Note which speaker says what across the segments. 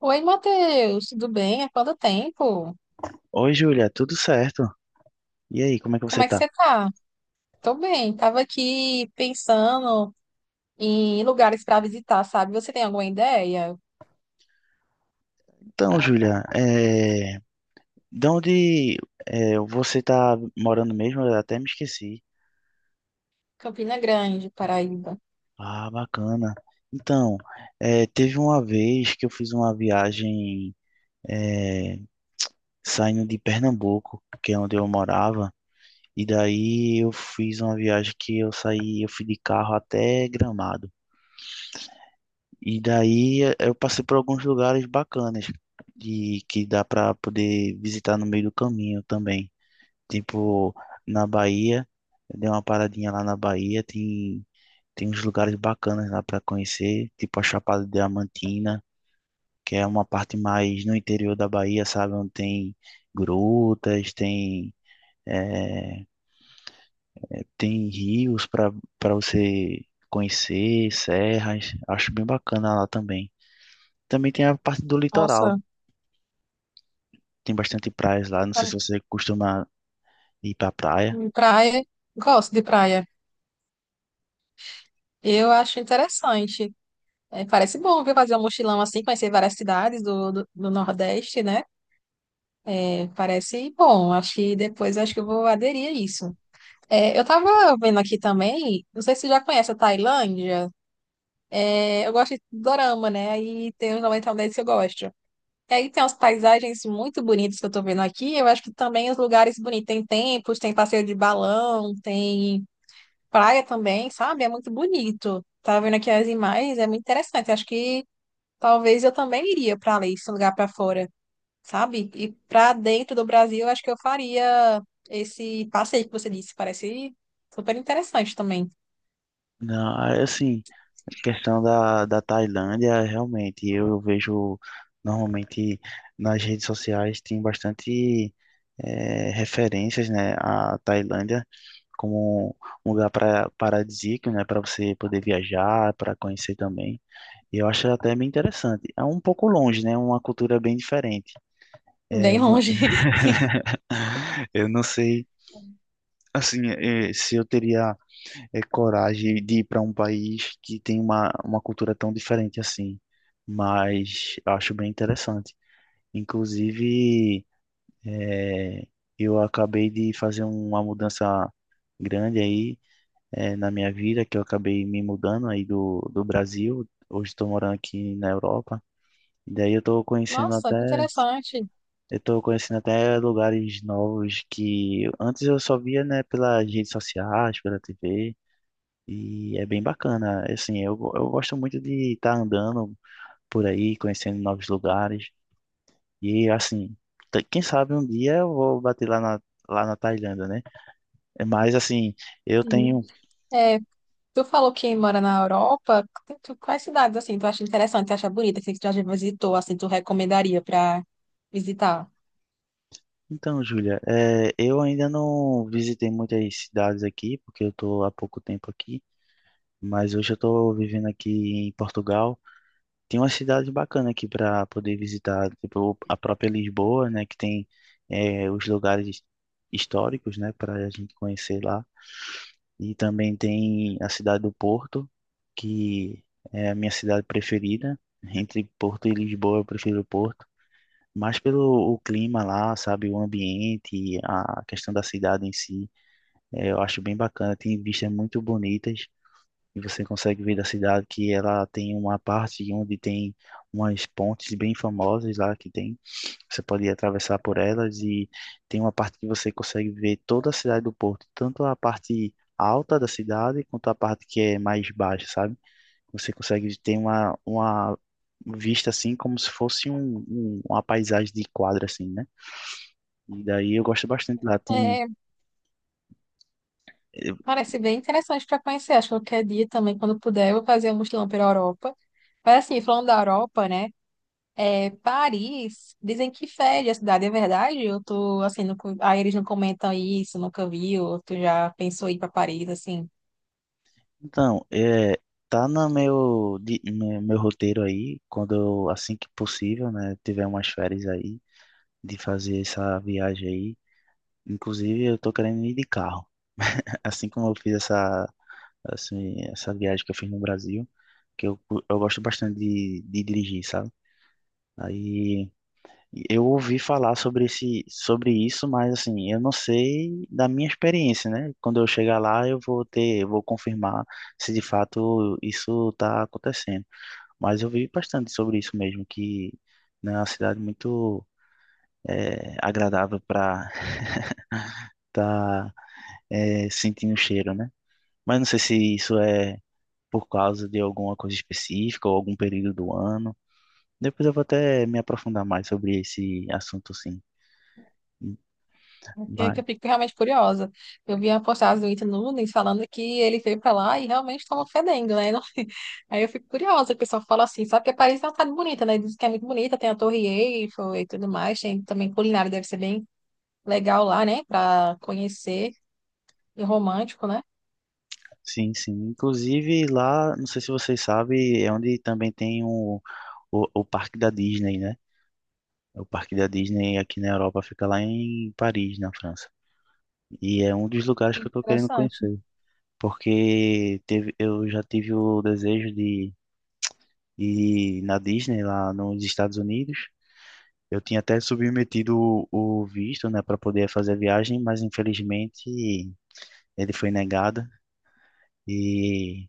Speaker 1: Oi, Matheus, tudo bem? Há quanto tempo?
Speaker 2: Oi, Júlia, tudo certo? E aí, como é que
Speaker 1: Como
Speaker 2: você
Speaker 1: é que
Speaker 2: tá?
Speaker 1: você tá? Tô bem, tava aqui pensando em lugares para visitar, sabe? Você tem alguma ideia?
Speaker 2: Então, Júlia, de onde você tá morando mesmo? Eu até me esqueci.
Speaker 1: Campina Grande, Paraíba.
Speaker 2: Ah, bacana. Então, teve uma vez que eu fiz uma viagem é, saindo de Pernambuco, que é onde eu morava, e daí eu fiz uma viagem que eu saí, eu fui de carro até Gramado. E daí eu passei por alguns lugares bacanas de que dá para poder visitar no meio do caminho também. Tipo, na Bahia, eu dei uma paradinha lá na Bahia, tem uns lugares bacanas lá para conhecer, tipo a Chapada Diamantina, que é uma parte mais no interior da Bahia, sabe? Onde tem grutas, eh, tem rios para você conhecer, serras. Acho bem bacana lá também. Também tem a parte do litoral.
Speaker 1: Nossa,
Speaker 2: Tem bastante praias lá. Não sei
Speaker 1: pra-
Speaker 2: se você costuma ir pra praia.
Speaker 1: praia, gosto de praia. Eu acho interessante. É, parece bom, viu? Fazer um mochilão assim, conhecer várias cidades do Nordeste, né? É, parece bom. Acho que depois acho que eu vou aderir a isso. É, eu tava vendo aqui também, não sei se você já conhece a Tailândia. É, eu gosto de dorama, né? Aí tem os 90 deles que eu gosto. E aí tem as paisagens muito bonitas que eu tô vendo aqui. Eu acho que também os lugares bonitos. Tem templos, tem passeio de balão, tem praia também, sabe? É muito bonito. Tava vendo aqui as imagens, é muito interessante. Acho que talvez eu também iria pra ali, esse lugar pra fora, sabe? E pra dentro do Brasil, eu acho que eu faria esse passeio que você disse. Parece super interessante também.
Speaker 2: Não, aí, assim, questão da Tailândia, realmente, eu vejo normalmente nas redes sociais tem bastante referências, né, à Tailândia como um lugar para paradisíaco, né, para você poder viajar, para conhecer também. E eu acho até bem interessante. É um pouco longe, né, uma cultura bem diferente.
Speaker 1: Bem longe.
Speaker 2: Eu não sei, assim, se eu teria coragem de ir para um país que tem uma cultura tão diferente assim. Mas eu acho bem interessante. Inclusive, é, eu acabei de fazer uma mudança grande aí, na minha vida, que eu acabei me mudando aí do Brasil. Hoje estou morando aqui na Europa. E daí eu estou conhecendo
Speaker 1: Nossa, que
Speaker 2: até,
Speaker 1: interessante.
Speaker 2: eu tô conhecendo até lugares novos que antes eu só via, né, pelas redes sociais, pela TV. E é bem bacana, assim, eu gosto muito de estar andando por aí, conhecendo novos lugares. E, assim, quem sabe um dia eu vou bater lá na Tailândia, né? É, mas, assim, eu
Speaker 1: Sim.
Speaker 2: tenho...
Speaker 1: É, tu falou que mora na Europa. Quais cidades assim tu acha interessante, tu acha bonita, assim, que tu já visitou, assim, tu recomendaria para visitar?
Speaker 2: Então, Júlia, é, eu ainda não visitei muitas cidades aqui, porque eu estou há pouco tempo aqui. Mas hoje eu estou vivendo aqui em Portugal. Tem uma cidade bacana aqui para poder visitar, tipo a própria Lisboa, né, que tem os lugares históricos, né, para a gente conhecer lá. E também tem a cidade do Porto, que é a minha cidade preferida. Entre Porto e Lisboa, eu prefiro Porto, mas pelo o clima lá, sabe, o ambiente, a questão da cidade em si, eu acho bem bacana. Tem vistas muito bonitas e você consegue ver da cidade que ela tem uma parte onde tem umas pontes bem famosas lá que tem. Você pode atravessar por elas e tem uma parte que você consegue ver toda a cidade do Porto, tanto a parte alta da cidade quanto a parte que é mais baixa, sabe? Você consegue ter uma vista assim como se fosse uma paisagem de quadra assim, né? E daí eu gosto bastante lá. Tem...
Speaker 1: É, parece bem interessante para conhecer. Acho que qualquer dia também, quando puder, eu vou fazer um mochilão pela Europa. Mas assim, falando da Europa, né? É, Paris, dizem que fede a cidade, é verdade? Eu tô assim, nunca- aí eles não comentam isso, nunca vi, ou tu já pensou em ir para Paris, assim?
Speaker 2: Então, é, tá no no meu roteiro aí, quando eu, assim que possível, né, tiver umas férias aí, de fazer essa viagem aí. Inclusive, eu tô querendo ir de carro. Assim como eu fiz essa, assim, essa viagem que eu fiz no Brasil, que eu, eu gosto bastante de dirigir, sabe? Aí eu ouvi falar sobre esse, sobre isso, mas assim, eu não sei da minha experiência, né? Quando eu chegar lá, eu vou ter, eu vou confirmar se de fato isso está acontecendo. Mas eu vi bastante sobre isso mesmo, que né, é uma cidade muito agradável para estar sentindo o cheiro, né? Mas não sei se isso é por causa de alguma coisa específica ou algum período do ano. Depois eu vou até me aprofundar mais sobre esse assunto, sim.
Speaker 1: Que
Speaker 2: Mas...
Speaker 1: eu fico realmente curiosa. Eu vi a postagem do Ita Nunes falando que ele veio pra lá e realmente estava fedendo, né? Não- Aí eu fico curiosa, o pessoal fala assim, sabe que Paris é uma cidade bonita, né? Diz que é muito bonita, tem a Torre Eiffel e tudo mais, tem também culinária, deve ser bem legal lá, né? Pra conhecer e romântico, né?
Speaker 2: Sim, sim. Inclusive lá, não sei se vocês sabem, é onde também tem o Parque da Disney, né? O Parque da Disney aqui na Europa fica lá em Paris, na França. E é um dos lugares que eu tô querendo
Speaker 1: Interessante.
Speaker 2: conhecer, porque teve, eu já tive o desejo de ir na Disney lá nos Estados Unidos. Eu tinha até submetido o visto, né, para poder fazer a viagem, mas infelizmente ele foi negado. E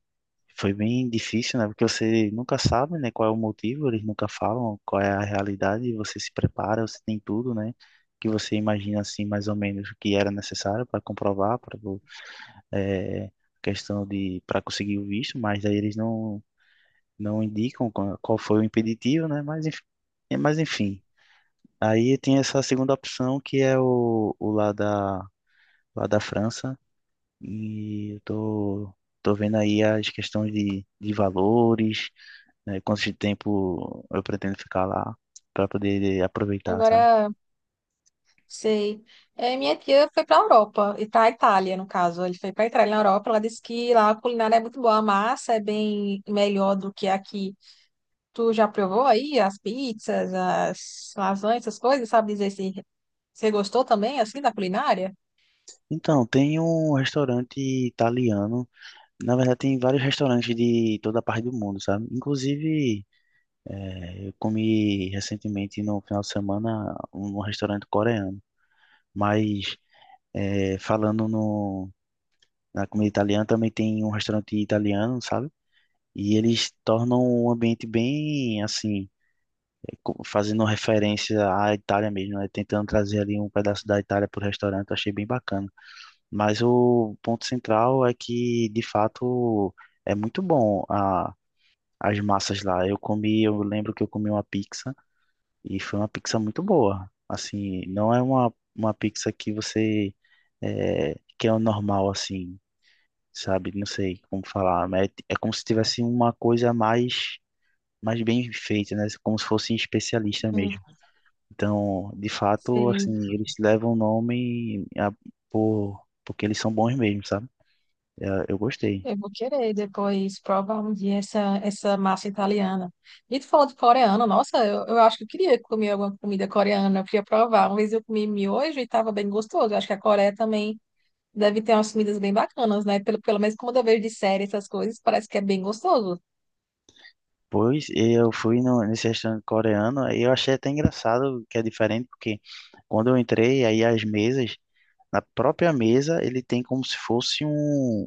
Speaker 2: foi bem difícil, né? Porque você nunca sabe, né, qual é o motivo, eles nunca falam qual é a realidade, e você se prepara, você tem tudo, né? Que você imagina assim mais ou menos o que era necessário para comprovar, para é, questão de para conseguir o visto, mas aí eles não indicam qual foi o impeditivo, né? Mas enfim, é, mas enfim. Aí tem essa segunda opção que é o lá da França e eu tô vendo aí as questões de valores, né, quanto de tempo eu pretendo ficar lá para poder aproveitar, sabe?
Speaker 1: Agora, sei. É, minha tia foi para a Europa, e para a Itália, no caso. Ele foi para a Itália, na Europa. Ela disse que lá a culinária é muito boa, a massa é bem melhor do que aqui. Tu já provou aí as pizzas, as lasanhas, essas coisas? Sabe dizer se você gostou também, assim, da culinária?
Speaker 2: Então, tem um restaurante italiano. Na verdade, tem vários restaurantes de toda a parte do mundo, sabe? Inclusive, eu comi recentemente no final de semana um restaurante coreano. Mas, falando no, na comida italiana, também tem um restaurante italiano, sabe? E eles tornam um ambiente bem assim, fazendo referência à Itália mesmo, né? Tentando trazer ali um pedaço da Itália para o restaurante, eu achei bem bacana. Mas o ponto central é que, de fato, é muito bom as massas lá. Eu comi, eu lembro que eu comi uma pizza e foi uma pizza muito boa. Assim, não é uma pizza que que é o normal assim, sabe? Não sei como falar, mas é como se tivesse uma coisa a mais, mas bem feita, né? Como se fosse especialista
Speaker 1: Hum,
Speaker 2: mesmo. Então, de fato,
Speaker 1: Sei,
Speaker 2: assim, eles levam por, porque eles são bons mesmo, sabe? Eu gostei.
Speaker 1: eu vou querer depois provar um dia essa massa italiana. E tu falou de coreano, nossa, eu acho que eu queria comer alguma comida coreana, eu queria provar. Uma vez eu comi miojo e estava bem gostoso. Eu acho que a Coreia também deve ter umas comidas bem bacanas, né? Pelo menos como eu vejo de série, essas coisas, parece que é bem gostoso.
Speaker 2: Pois eu fui no, nesse restaurante coreano e eu achei até engraçado que é diferente, porque quando eu entrei, aí as mesas... Na própria mesa, ele tem como se fosse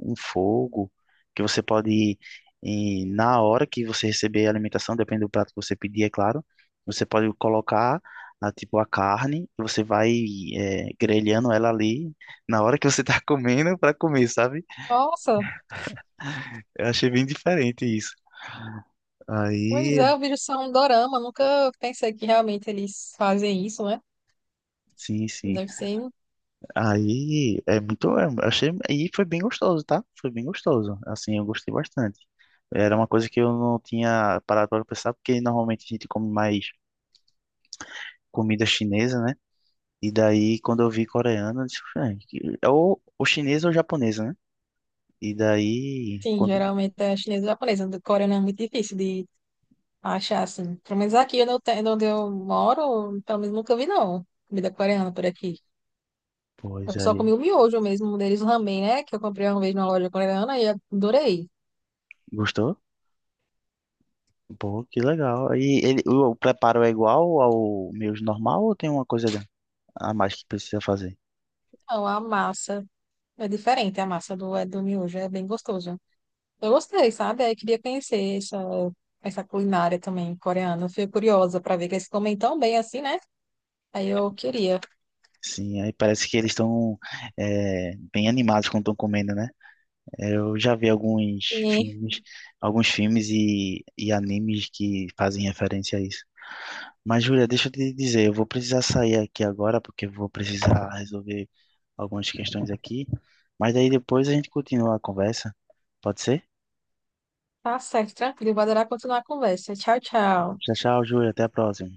Speaker 2: um fogo que você pode, na hora que você receber a alimentação, depende do prato que você pedir, é claro, você pode colocar tipo a carne e você vai grelhando ela ali na hora que você tá comendo para comer, sabe?
Speaker 1: Nossa,
Speaker 2: Eu achei bem diferente isso. Aí,
Speaker 1: pois é, eu vejo só um dorama, nunca pensei que realmente eles fazem isso, né?
Speaker 2: sim, sim.
Speaker 1: Deve ser,
Speaker 2: Aí é muito. É, achei, e foi bem gostoso, tá? Foi bem gostoso. Assim, eu gostei bastante. Era uma coisa que eu não tinha parado para pensar, porque normalmente a gente come mais comida chinesa, né? E daí, quando eu vi coreano, eu disse, "Ah, ou chinesa ou japonesa, né? E daí,
Speaker 1: enfim,
Speaker 2: quando,
Speaker 1: geralmente é chinesa e japonesa, do coreano é muito difícil de achar, assim. Pelo menos aqui onde onde eu moro, pelo menos nunca vi, não, comida coreana por aqui.
Speaker 2: pois
Speaker 1: Eu só
Speaker 2: aí,
Speaker 1: comi o miojo mesmo, um deles, o ramen, né? Que eu comprei uma vez numa loja coreana e adorei.
Speaker 2: gostou? Pô, que legal. E ele, o preparo é igual ao meu normal ou tem uma coisa a mais que precisa fazer?
Speaker 1: Então, a massa é diferente, a massa do, é do miojo é bem gostoso. Eu gostei, sabe? Aí queria conhecer essa culinária também coreana. Eu fiquei curiosa para ver que eles comem tão bem assim, né? Aí eu queria.
Speaker 2: Sim, aí parece que eles estão bem animados quando estão comendo, né? Eu já vi
Speaker 1: E
Speaker 2: filmes, alguns filmes e animes que fazem referência a isso. Mas, Júlia, deixa eu te dizer, eu vou precisar sair aqui agora, porque eu vou precisar resolver algumas questões aqui. Mas daí depois a gente continua a conversa. Pode ser?
Speaker 1: tá certo, tranquilo. Vou adorar continuar a conversa. Tchau, tchau.
Speaker 2: Tchau, tchau, Júlia. Até a próxima.